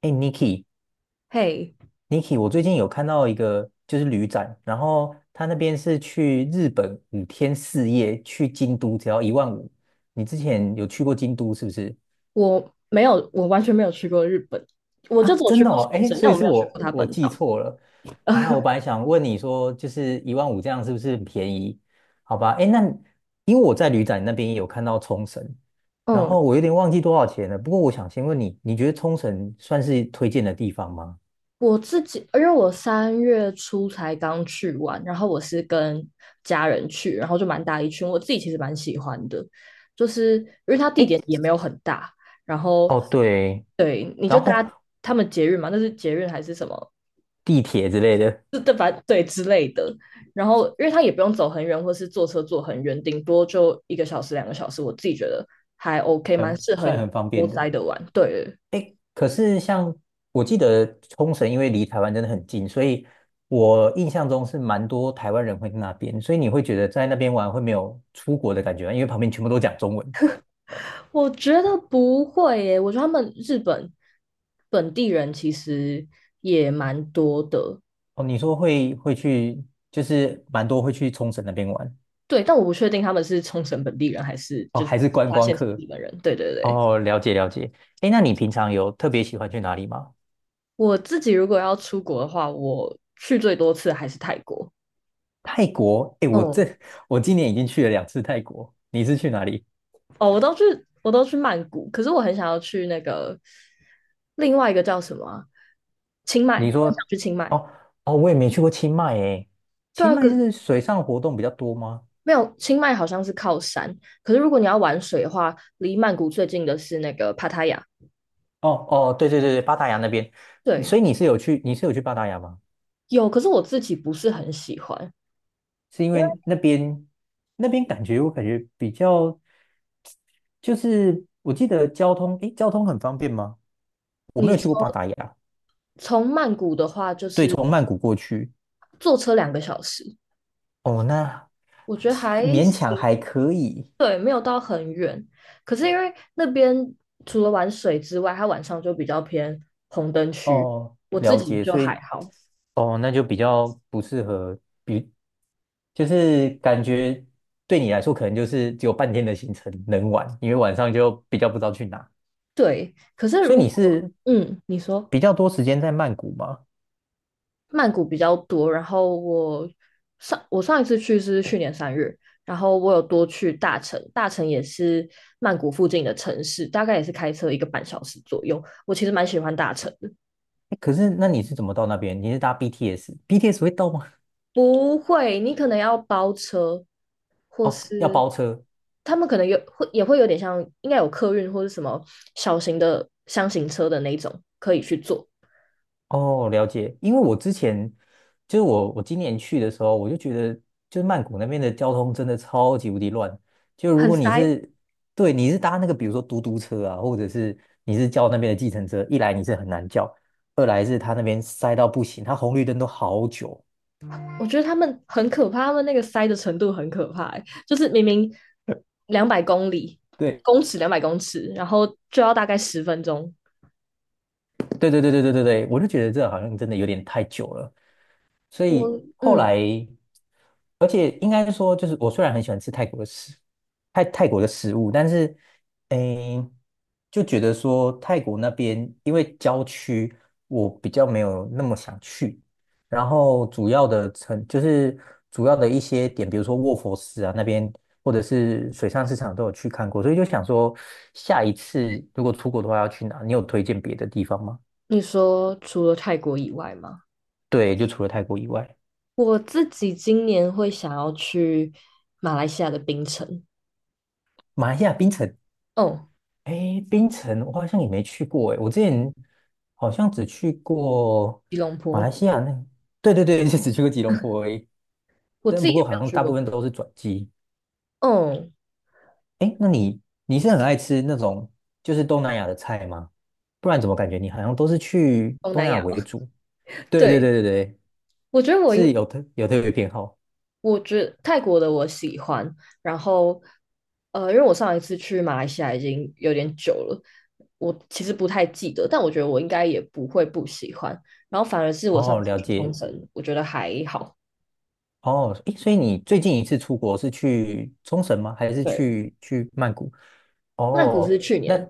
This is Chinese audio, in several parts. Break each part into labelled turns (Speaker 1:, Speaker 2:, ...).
Speaker 1: 哎，Niki，Niki，
Speaker 2: 嘿，
Speaker 1: 我最近有看到一个就是旅展，然后他那边是去日本5天4夜，去京都只要一万五。你之前有去过京都是不是？
Speaker 2: 我没有，我完全没有去过日本，我就
Speaker 1: 啊，
Speaker 2: 只有
Speaker 1: 真
Speaker 2: 去
Speaker 1: 的
Speaker 2: 过
Speaker 1: 哦，
Speaker 2: 冲
Speaker 1: 哎，
Speaker 2: 绳，
Speaker 1: 所
Speaker 2: 但
Speaker 1: 以
Speaker 2: 我
Speaker 1: 是
Speaker 2: 没有去过
Speaker 1: 我
Speaker 2: 它
Speaker 1: 我
Speaker 2: 本
Speaker 1: 记
Speaker 2: 岛。
Speaker 1: 错了啊。我本来想问你说，就是一万五这样是不是很便宜？好吧，哎，那因为我在旅展那边也有看到冲绳，然后
Speaker 2: 嗯，
Speaker 1: 我有点忘记多少钱了。不过我想先问你，你觉得冲绳算是推荐的地方吗？
Speaker 2: 我自己，因为我三月初才刚去完，然后我是跟家人去，然后就蛮大一群，我自己其实蛮喜欢的，就是因为它地
Speaker 1: 哎，
Speaker 2: 点也没有很大，然后
Speaker 1: 哦对。
Speaker 2: 对，你就
Speaker 1: 然后
Speaker 2: 搭他们捷运嘛，那是捷运还是什么
Speaker 1: 地铁之类的。
Speaker 2: 对之类的。然后，因为他也不用走很远，或是坐车坐很远，顶多就一个小时、两个小时，我自己觉得还 OK，蛮
Speaker 1: 很
Speaker 2: 适合
Speaker 1: 算很方
Speaker 2: 悠
Speaker 1: 便的。
Speaker 2: 哉的玩。对，
Speaker 1: 诶，可是像我记得冲绳，因为离台湾真的很近，所以我印象中是蛮多台湾人会去那边，所以你会觉得在那边玩会没有出国的感觉吗？因为旁边全部都讲中文。
Speaker 2: 我觉得不会耶，我觉得他们日本本地人其实也蛮多的，
Speaker 1: 哦，你说会去，就是蛮多会去冲绳那边玩。
Speaker 2: 对，但我不确定他们是冲绳本地人还是
Speaker 1: 哦，
Speaker 2: 就是
Speaker 1: 还是
Speaker 2: 其
Speaker 1: 观
Speaker 2: 他
Speaker 1: 光
Speaker 2: 县市的
Speaker 1: 客。
Speaker 2: 日本人。对对对，
Speaker 1: 哦，了解了解。诶，那你平常有特别喜欢去哪里吗？
Speaker 2: 我自己如果要出国的话，我去最多次还是泰国。
Speaker 1: 泰国？诶，我
Speaker 2: 嗯，
Speaker 1: 这我今年已经去了2次泰国，你是去哪里？
Speaker 2: 哦，我都去曼谷，可是我很想要去那个另外一个叫什么啊清迈，我
Speaker 1: 你
Speaker 2: 很
Speaker 1: 说，
Speaker 2: 想去清迈。
Speaker 1: 哦哦，我也没去过清迈诶，
Speaker 2: 对
Speaker 1: 清
Speaker 2: 啊，可
Speaker 1: 迈就
Speaker 2: 是
Speaker 1: 是水上活动比较多吗？
Speaker 2: 没有清迈好像是靠山，可是如果你要玩水的话，离曼谷最近的是那个帕塔亚。
Speaker 1: 哦哦，对对对对，巴达雅那边，
Speaker 2: 对，
Speaker 1: 所以你是有去，你是有去巴达雅吗？
Speaker 2: 有，可是我自己不是很喜欢。
Speaker 1: 是因为那边我感觉比较，就是我记得交通，诶，交通很方便吗？我没有去
Speaker 2: 你
Speaker 1: 过巴达雅，
Speaker 2: 从曼谷的话，就
Speaker 1: 对，
Speaker 2: 是
Speaker 1: 从曼谷过去，
Speaker 2: 坐车两个小时，
Speaker 1: 哦，那
Speaker 2: 我觉得
Speaker 1: 其
Speaker 2: 还
Speaker 1: 勉强
Speaker 2: 行。
Speaker 1: 还可以，
Speaker 2: 对，没有到很远。可是因为那边除了玩水之外，它晚上就比较偏红灯区，
Speaker 1: 哦，
Speaker 2: 我自
Speaker 1: 了
Speaker 2: 己
Speaker 1: 解，
Speaker 2: 就
Speaker 1: 所
Speaker 2: 还
Speaker 1: 以
Speaker 2: 好。
Speaker 1: 哦，那就比较不适合，比就是感觉对你来说，可能就是只有半天的行程能玩，因为晚上就比较不知道去哪。
Speaker 2: 对，可是
Speaker 1: 所以
Speaker 2: 如
Speaker 1: 你
Speaker 2: 果
Speaker 1: 是
Speaker 2: 嗯，你说
Speaker 1: 比较多时间在曼谷吗？
Speaker 2: 曼谷比较多，然后我上一次去是去年三月，然后我有多去大城，大城也是曼谷附近的城市，大概也是开车1个半小时左右。我其实蛮喜欢大城
Speaker 1: 诶可是那你是怎么到那边？你是搭 BTS？BTS 会到吗？
Speaker 2: 不会，你可能要包车，或
Speaker 1: 哦，要
Speaker 2: 是
Speaker 1: 包车
Speaker 2: 他们可能有会也会有点像，应该有客运或是什么小型的箱型车的那种可以去做。
Speaker 1: 哦，了解。因为我之前就是我今年去的时候，我就觉得就是曼谷那边的交通真的超级无敌乱。就如
Speaker 2: 很
Speaker 1: 果你
Speaker 2: 塞。
Speaker 1: 是对你是搭那个比如说嘟嘟车啊，或者是你是叫那边的计程车，一来你是很难叫，二来是他那边塞到不行，他红绿灯都好久。
Speaker 2: 我觉得他们很可怕，他们那个塞的程度很可怕欸就是明明两百公里
Speaker 1: 对
Speaker 2: 公尺200公尺，然后就要大概10分钟。
Speaker 1: 对对对对对对对，我就觉得这好像真的有点太久了。所以
Speaker 2: 我
Speaker 1: 后
Speaker 2: 嗯，
Speaker 1: 来，而且应该说，就是我虽然很喜欢吃泰国的食物，但是，诶，就觉得说泰国那边因为郊区，我比较没有那么想去。然后主要的一些点，比如说卧佛寺啊那边，或者是水上市场都有去看过，所以就想说，下一次如果出国的话要去哪？你有推荐别的地方吗？
Speaker 2: 你说除了泰国以外吗？
Speaker 1: 对，就除了泰国以外，
Speaker 2: 我自己今年会想要去马来西亚的槟城。
Speaker 1: 马来西亚槟城。
Speaker 2: 哦，
Speaker 1: 哎，槟城我好像也没去过哎，我之前好像只去过
Speaker 2: 吉隆
Speaker 1: 马来
Speaker 2: 坡，
Speaker 1: 西亚那，对对对，就只去过吉隆坡而已。
Speaker 2: 我
Speaker 1: 但
Speaker 2: 自
Speaker 1: 不
Speaker 2: 己也
Speaker 1: 过
Speaker 2: 没
Speaker 1: 好
Speaker 2: 有
Speaker 1: 像
Speaker 2: 去
Speaker 1: 大
Speaker 2: 过
Speaker 1: 部分
Speaker 2: 别
Speaker 1: 都是转机。
Speaker 2: 嗯，
Speaker 1: 哎，那你是很爱吃那种就是东南亚的菜吗？不然怎么感觉你好像都是去
Speaker 2: 东
Speaker 1: 东
Speaker 2: 南
Speaker 1: 南亚
Speaker 2: 亚吧。
Speaker 1: 为主？对对
Speaker 2: 对，
Speaker 1: 对对对，
Speaker 2: 我觉得我应，
Speaker 1: 是有特别偏好。
Speaker 2: 我觉得泰国的我喜欢，然后因为我上一次去马来西亚已经有点久了，我其实不太记得，但我觉得我应该也不会不喜欢。然后反而是我上
Speaker 1: 哦，
Speaker 2: 次
Speaker 1: 了
Speaker 2: 去
Speaker 1: 解。
Speaker 2: 冲绳，我觉得还好。
Speaker 1: 哦，诶，所以你最近一次出国是去冲绳吗？还是
Speaker 2: 对，
Speaker 1: 去曼谷？
Speaker 2: 曼谷是
Speaker 1: 哦，
Speaker 2: 去
Speaker 1: 那
Speaker 2: 年，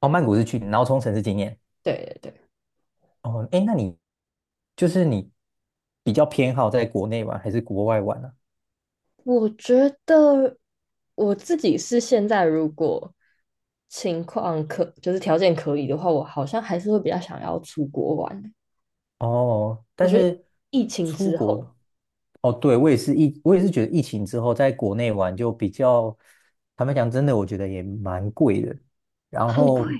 Speaker 1: 哦，曼谷是去，然后冲绳是今年。
Speaker 2: 对对对。
Speaker 1: 哦，诶，那你就是你比较偏好在国内玩还是国外玩呢、
Speaker 2: 我觉得我自己是现在，如果情况可就是条件可以的话，我好像还是会比较想要出国玩。
Speaker 1: 哦，
Speaker 2: 我
Speaker 1: 但
Speaker 2: 觉得
Speaker 1: 是
Speaker 2: 疫情
Speaker 1: 出
Speaker 2: 之后
Speaker 1: 国，哦，对，我也是觉得疫情之后在国内玩就比较，坦白讲，真的我觉得也蛮贵的。然
Speaker 2: 很贵，
Speaker 1: 后，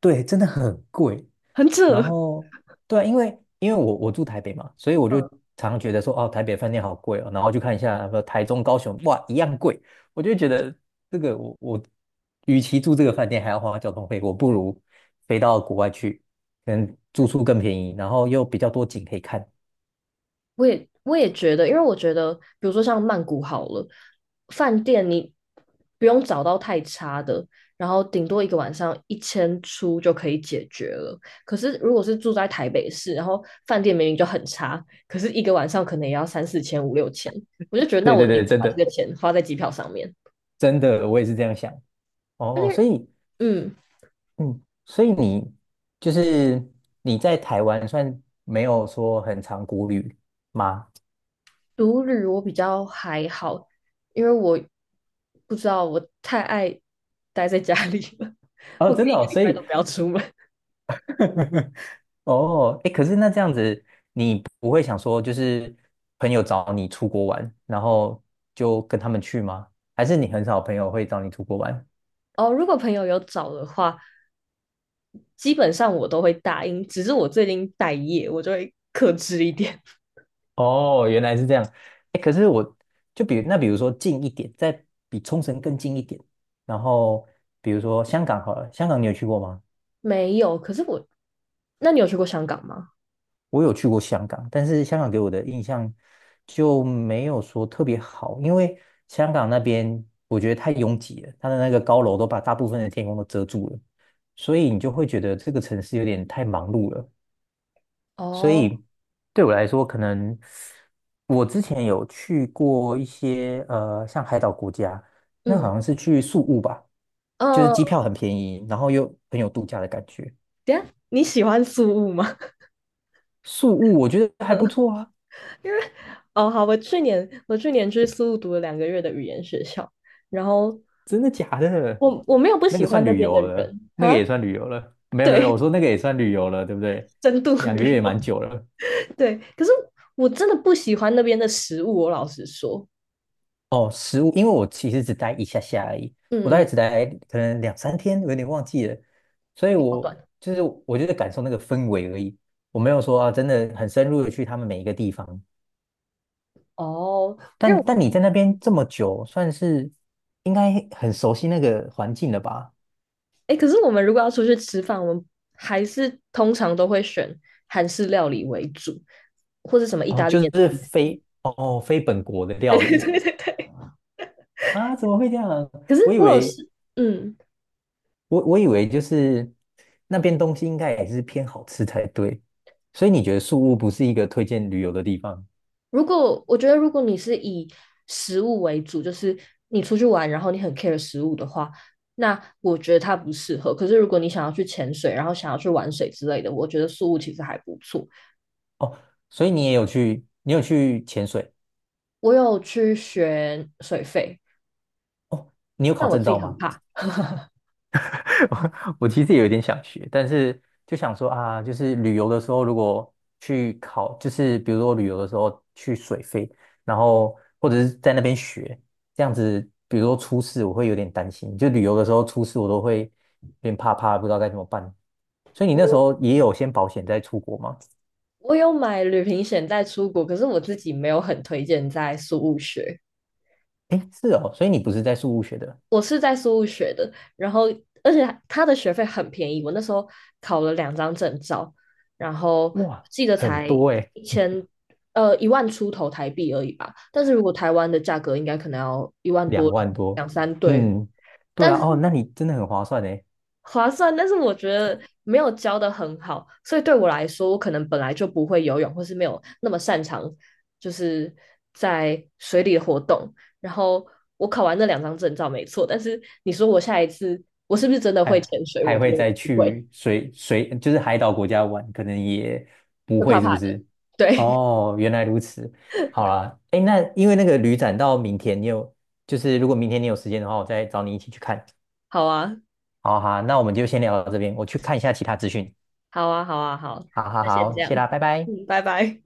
Speaker 1: 对，真的很贵。
Speaker 2: 很
Speaker 1: 然
Speaker 2: 扯。
Speaker 1: 后，对啊因为我住台北嘛，所以我就常常觉得说，哦，台北饭店好贵哦。然后就看一下，台中、高雄，哇，一样贵。我就觉得这个我，与其住这个饭店还要花交通费，我不如飞到国外去。可能住宿更便宜，然后又比较多景可以看。
Speaker 2: 我也觉得，因为我觉得，比如说像曼谷好了，饭店你不用找到太差的，然后顶多一个晚上一千出就可以解决了。可是如果是住在台北市，然后饭店明明就很差，可是一个晚上可能也要三四千、五六千，我就觉得那
Speaker 1: 对
Speaker 2: 我
Speaker 1: 对
Speaker 2: 宁
Speaker 1: 对，
Speaker 2: 愿
Speaker 1: 真
Speaker 2: 把这
Speaker 1: 的
Speaker 2: 个钱花在机票上面。
Speaker 1: 真的，我也是这样想。
Speaker 2: 而
Speaker 1: 哦，哦
Speaker 2: 且，
Speaker 1: 所以，
Speaker 2: 嗯，
Speaker 1: 嗯，所以你就是你在台湾算没有说很常国旅吗？
Speaker 2: 独旅我比较还好，因为我不知道我太爱待在家里了，
Speaker 1: 哦，
Speaker 2: 我可以
Speaker 1: 真的
Speaker 2: 一
Speaker 1: 哦，
Speaker 2: 个礼
Speaker 1: 所
Speaker 2: 拜都
Speaker 1: 以
Speaker 2: 不要出门。
Speaker 1: 哦，哎，可是那这样子，你不会想说就是朋友找你出国玩，然后就跟他们去吗？还是你很少朋友会找你出国玩？
Speaker 2: 哦，如果朋友有找的话，基本上我都会答应，只是我最近待业，我就会克制一点。
Speaker 1: 哦，原来是这样。哎，可是我就比如说近一点，再比冲绳更近一点，然后比如说香港好了，香港你有去过吗？
Speaker 2: 没有，可是我，那你有去过香港吗？
Speaker 1: 我有去过香港，但是香港给我的印象就没有说特别好，因为香港那边我觉得太拥挤了，它的那个高楼都把大部分的天空都遮住了，所以你就会觉得这个城市有点太忙碌了。所
Speaker 2: 哦，
Speaker 1: 以对我来说，可能我之前有去过一些像海岛国家，那
Speaker 2: 嗯，
Speaker 1: 好像是去宿务吧，就是
Speaker 2: 呃，
Speaker 1: 机票很便宜，然后又很有度假的感觉。
Speaker 2: 等一下你喜欢苏务吗？
Speaker 1: 宿务我觉得还不错啊，
Speaker 2: 因为，哦，好，我去年去苏务读了2个月的语言学校，然后
Speaker 1: 真的假的？
Speaker 2: 我没有不
Speaker 1: 那个
Speaker 2: 喜
Speaker 1: 算
Speaker 2: 欢那
Speaker 1: 旅
Speaker 2: 边
Speaker 1: 游
Speaker 2: 的
Speaker 1: 了，
Speaker 2: 人
Speaker 1: 那个也
Speaker 2: 啊，
Speaker 1: 算旅游了。没有没有，我
Speaker 2: 对，
Speaker 1: 说那个也算旅游了，对不对？
Speaker 2: 深度
Speaker 1: 2个月
Speaker 2: 旅
Speaker 1: 也
Speaker 2: 游，
Speaker 1: 蛮久了。
Speaker 2: 对，可是我真的不喜欢那边的食物，我老实说，
Speaker 1: 哦，食物，因为我其实只待一下下而已，我大概
Speaker 2: 嗯，
Speaker 1: 只待可能两三天，我有点忘记了，所以
Speaker 2: 好
Speaker 1: 我
Speaker 2: 短。
Speaker 1: 就是我就是感受那个氛围而已，我没有说啊，真的很深入的去他们每一个地方。
Speaker 2: 哦，因为
Speaker 1: 但你在那边这么久，算是应该很熟悉那个环境了吧？
Speaker 2: 哎，可是我们如果要出去吃饭，我们还是通常都会选韩式料理为主，或是什么意
Speaker 1: 哦，
Speaker 2: 大利
Speaker 1: 就
Speaker 2: 面
Speaker 1: 是
Speaker 2: 之类的
Speaker 1: 非本国的
Speaker 2: 对
Speaker 1: 料
Speaker 2: 对
Speaker 1: 理
Speaker 2: 对对对。
Speaker 1: 啊，怎么会这样？
Speaker 2: 可是
Speaker 1: 我以
Speaker 2: 我有
Speaker 1: 为
Speaker 2: 试，嗯，
Speaker 1: 我以为就是那边东西应该也是偏好吃才对，所以你觉得宿屋不是一个推荐旅游的地方
Speaker 2: 我觉得如果你是以食物为主，就是你出去玩，然后你很 care 食物的话，那我觉得它不适合。可是如果你想要去潜水，然后想要去玩水之类的，我觉得宿物其实还不错。
Speaker 1: 哦？所以你也有去，你有去潜水，
Speaker 2: 我有去学水肺，
Speaker 1: 你有考
Speaker 2: 但我
Speaker 1: 证
Speaker 2: 自
Speaker 1: 照
Speaker 2: 己很
Speaker 1: 吗？
Speaker 2: 怕。
Speaker 1: 我其实也有点想学，但是就想说啊，就是旅游的时候如果去考，就是比如说旅游的时候去水费，然后或者是在那边学，这样子，比如说出事，我会有点担心。就旅游的时候出事，我都会有点怕怕，不知道该怎么办。所以你那时
Speaker 2: 我。
Speaker 1: 候也有先保险再出国吗？
Speaker 2: 我有买旅行险在出国，可是我自己没有很推荐在苏务学。
Speaker 1: 诶，是哦，所以你不是在宿务学的，
Speaker 2: 我是在苏务学的，然后而且他的学费很便宜，我那时候考了两张证照，然后
Speaker 1: 哇，
Speaker 2: 记得
Speaker 1: 很
Speaker 2: 才
Speaker 1: 多诶，
Speaker 2: 一千一万出头台币而已吧。但是如果台湾的价格，应该可能要一万
Speaker 1: 两
Speaker 2: 多两
Speaker 1: 万多，
Speaker 2: 两三对。
Speaker 1: 嗯，对
Speaker 2: 但
Speaker 1: 啊，
Speaker 2: 是
Speaker 1: 哦，那你真的很划算呢。
Speaker 2: 划算，但是我觉得没有教的很好，所以对我来说，我可能本来就不会游泳，或是没有那么擅长，就是在水里的活动。然后我考完那两张证照没错，但是你说我下一次我是不是真的会
Speaker 1: 还
Speaker 2: 潜水？我
Speaker 1: 还
Speaker 2: 觉
Speaker 1: 会
Speaker 2: 得我
Speaker 1: 再
Speaker 2: 不会，
Speaker 1: 去水，就是海岛国家玩，可能也不
Speaker 2: 会怕
Speaker 1: 会，是不
Speaker 2: 怕的。
Speaker 1: 是？
Speaker 2: 对，
Speaker 1: 哦，原来如此。好啦，哎，那因为那个旅展到明天，你有就是如果明天你有时间的话，我再找你一起去看。
Speaker 2: 好啊，
Speaker 1: 好好，那我们就先聊到这边，我去看一下其他资讯。
Speaker 2: 好啊，好啊，好，
Speaker 1: 好好
Speaker 2: 那先
Speaker 1: 好，
Speaker 2: 这
Speaker 1: 谢
Speaker 2: 样，
Speaker 1: 啦，拜拜。
Speaker 2: 嗯，拜拜。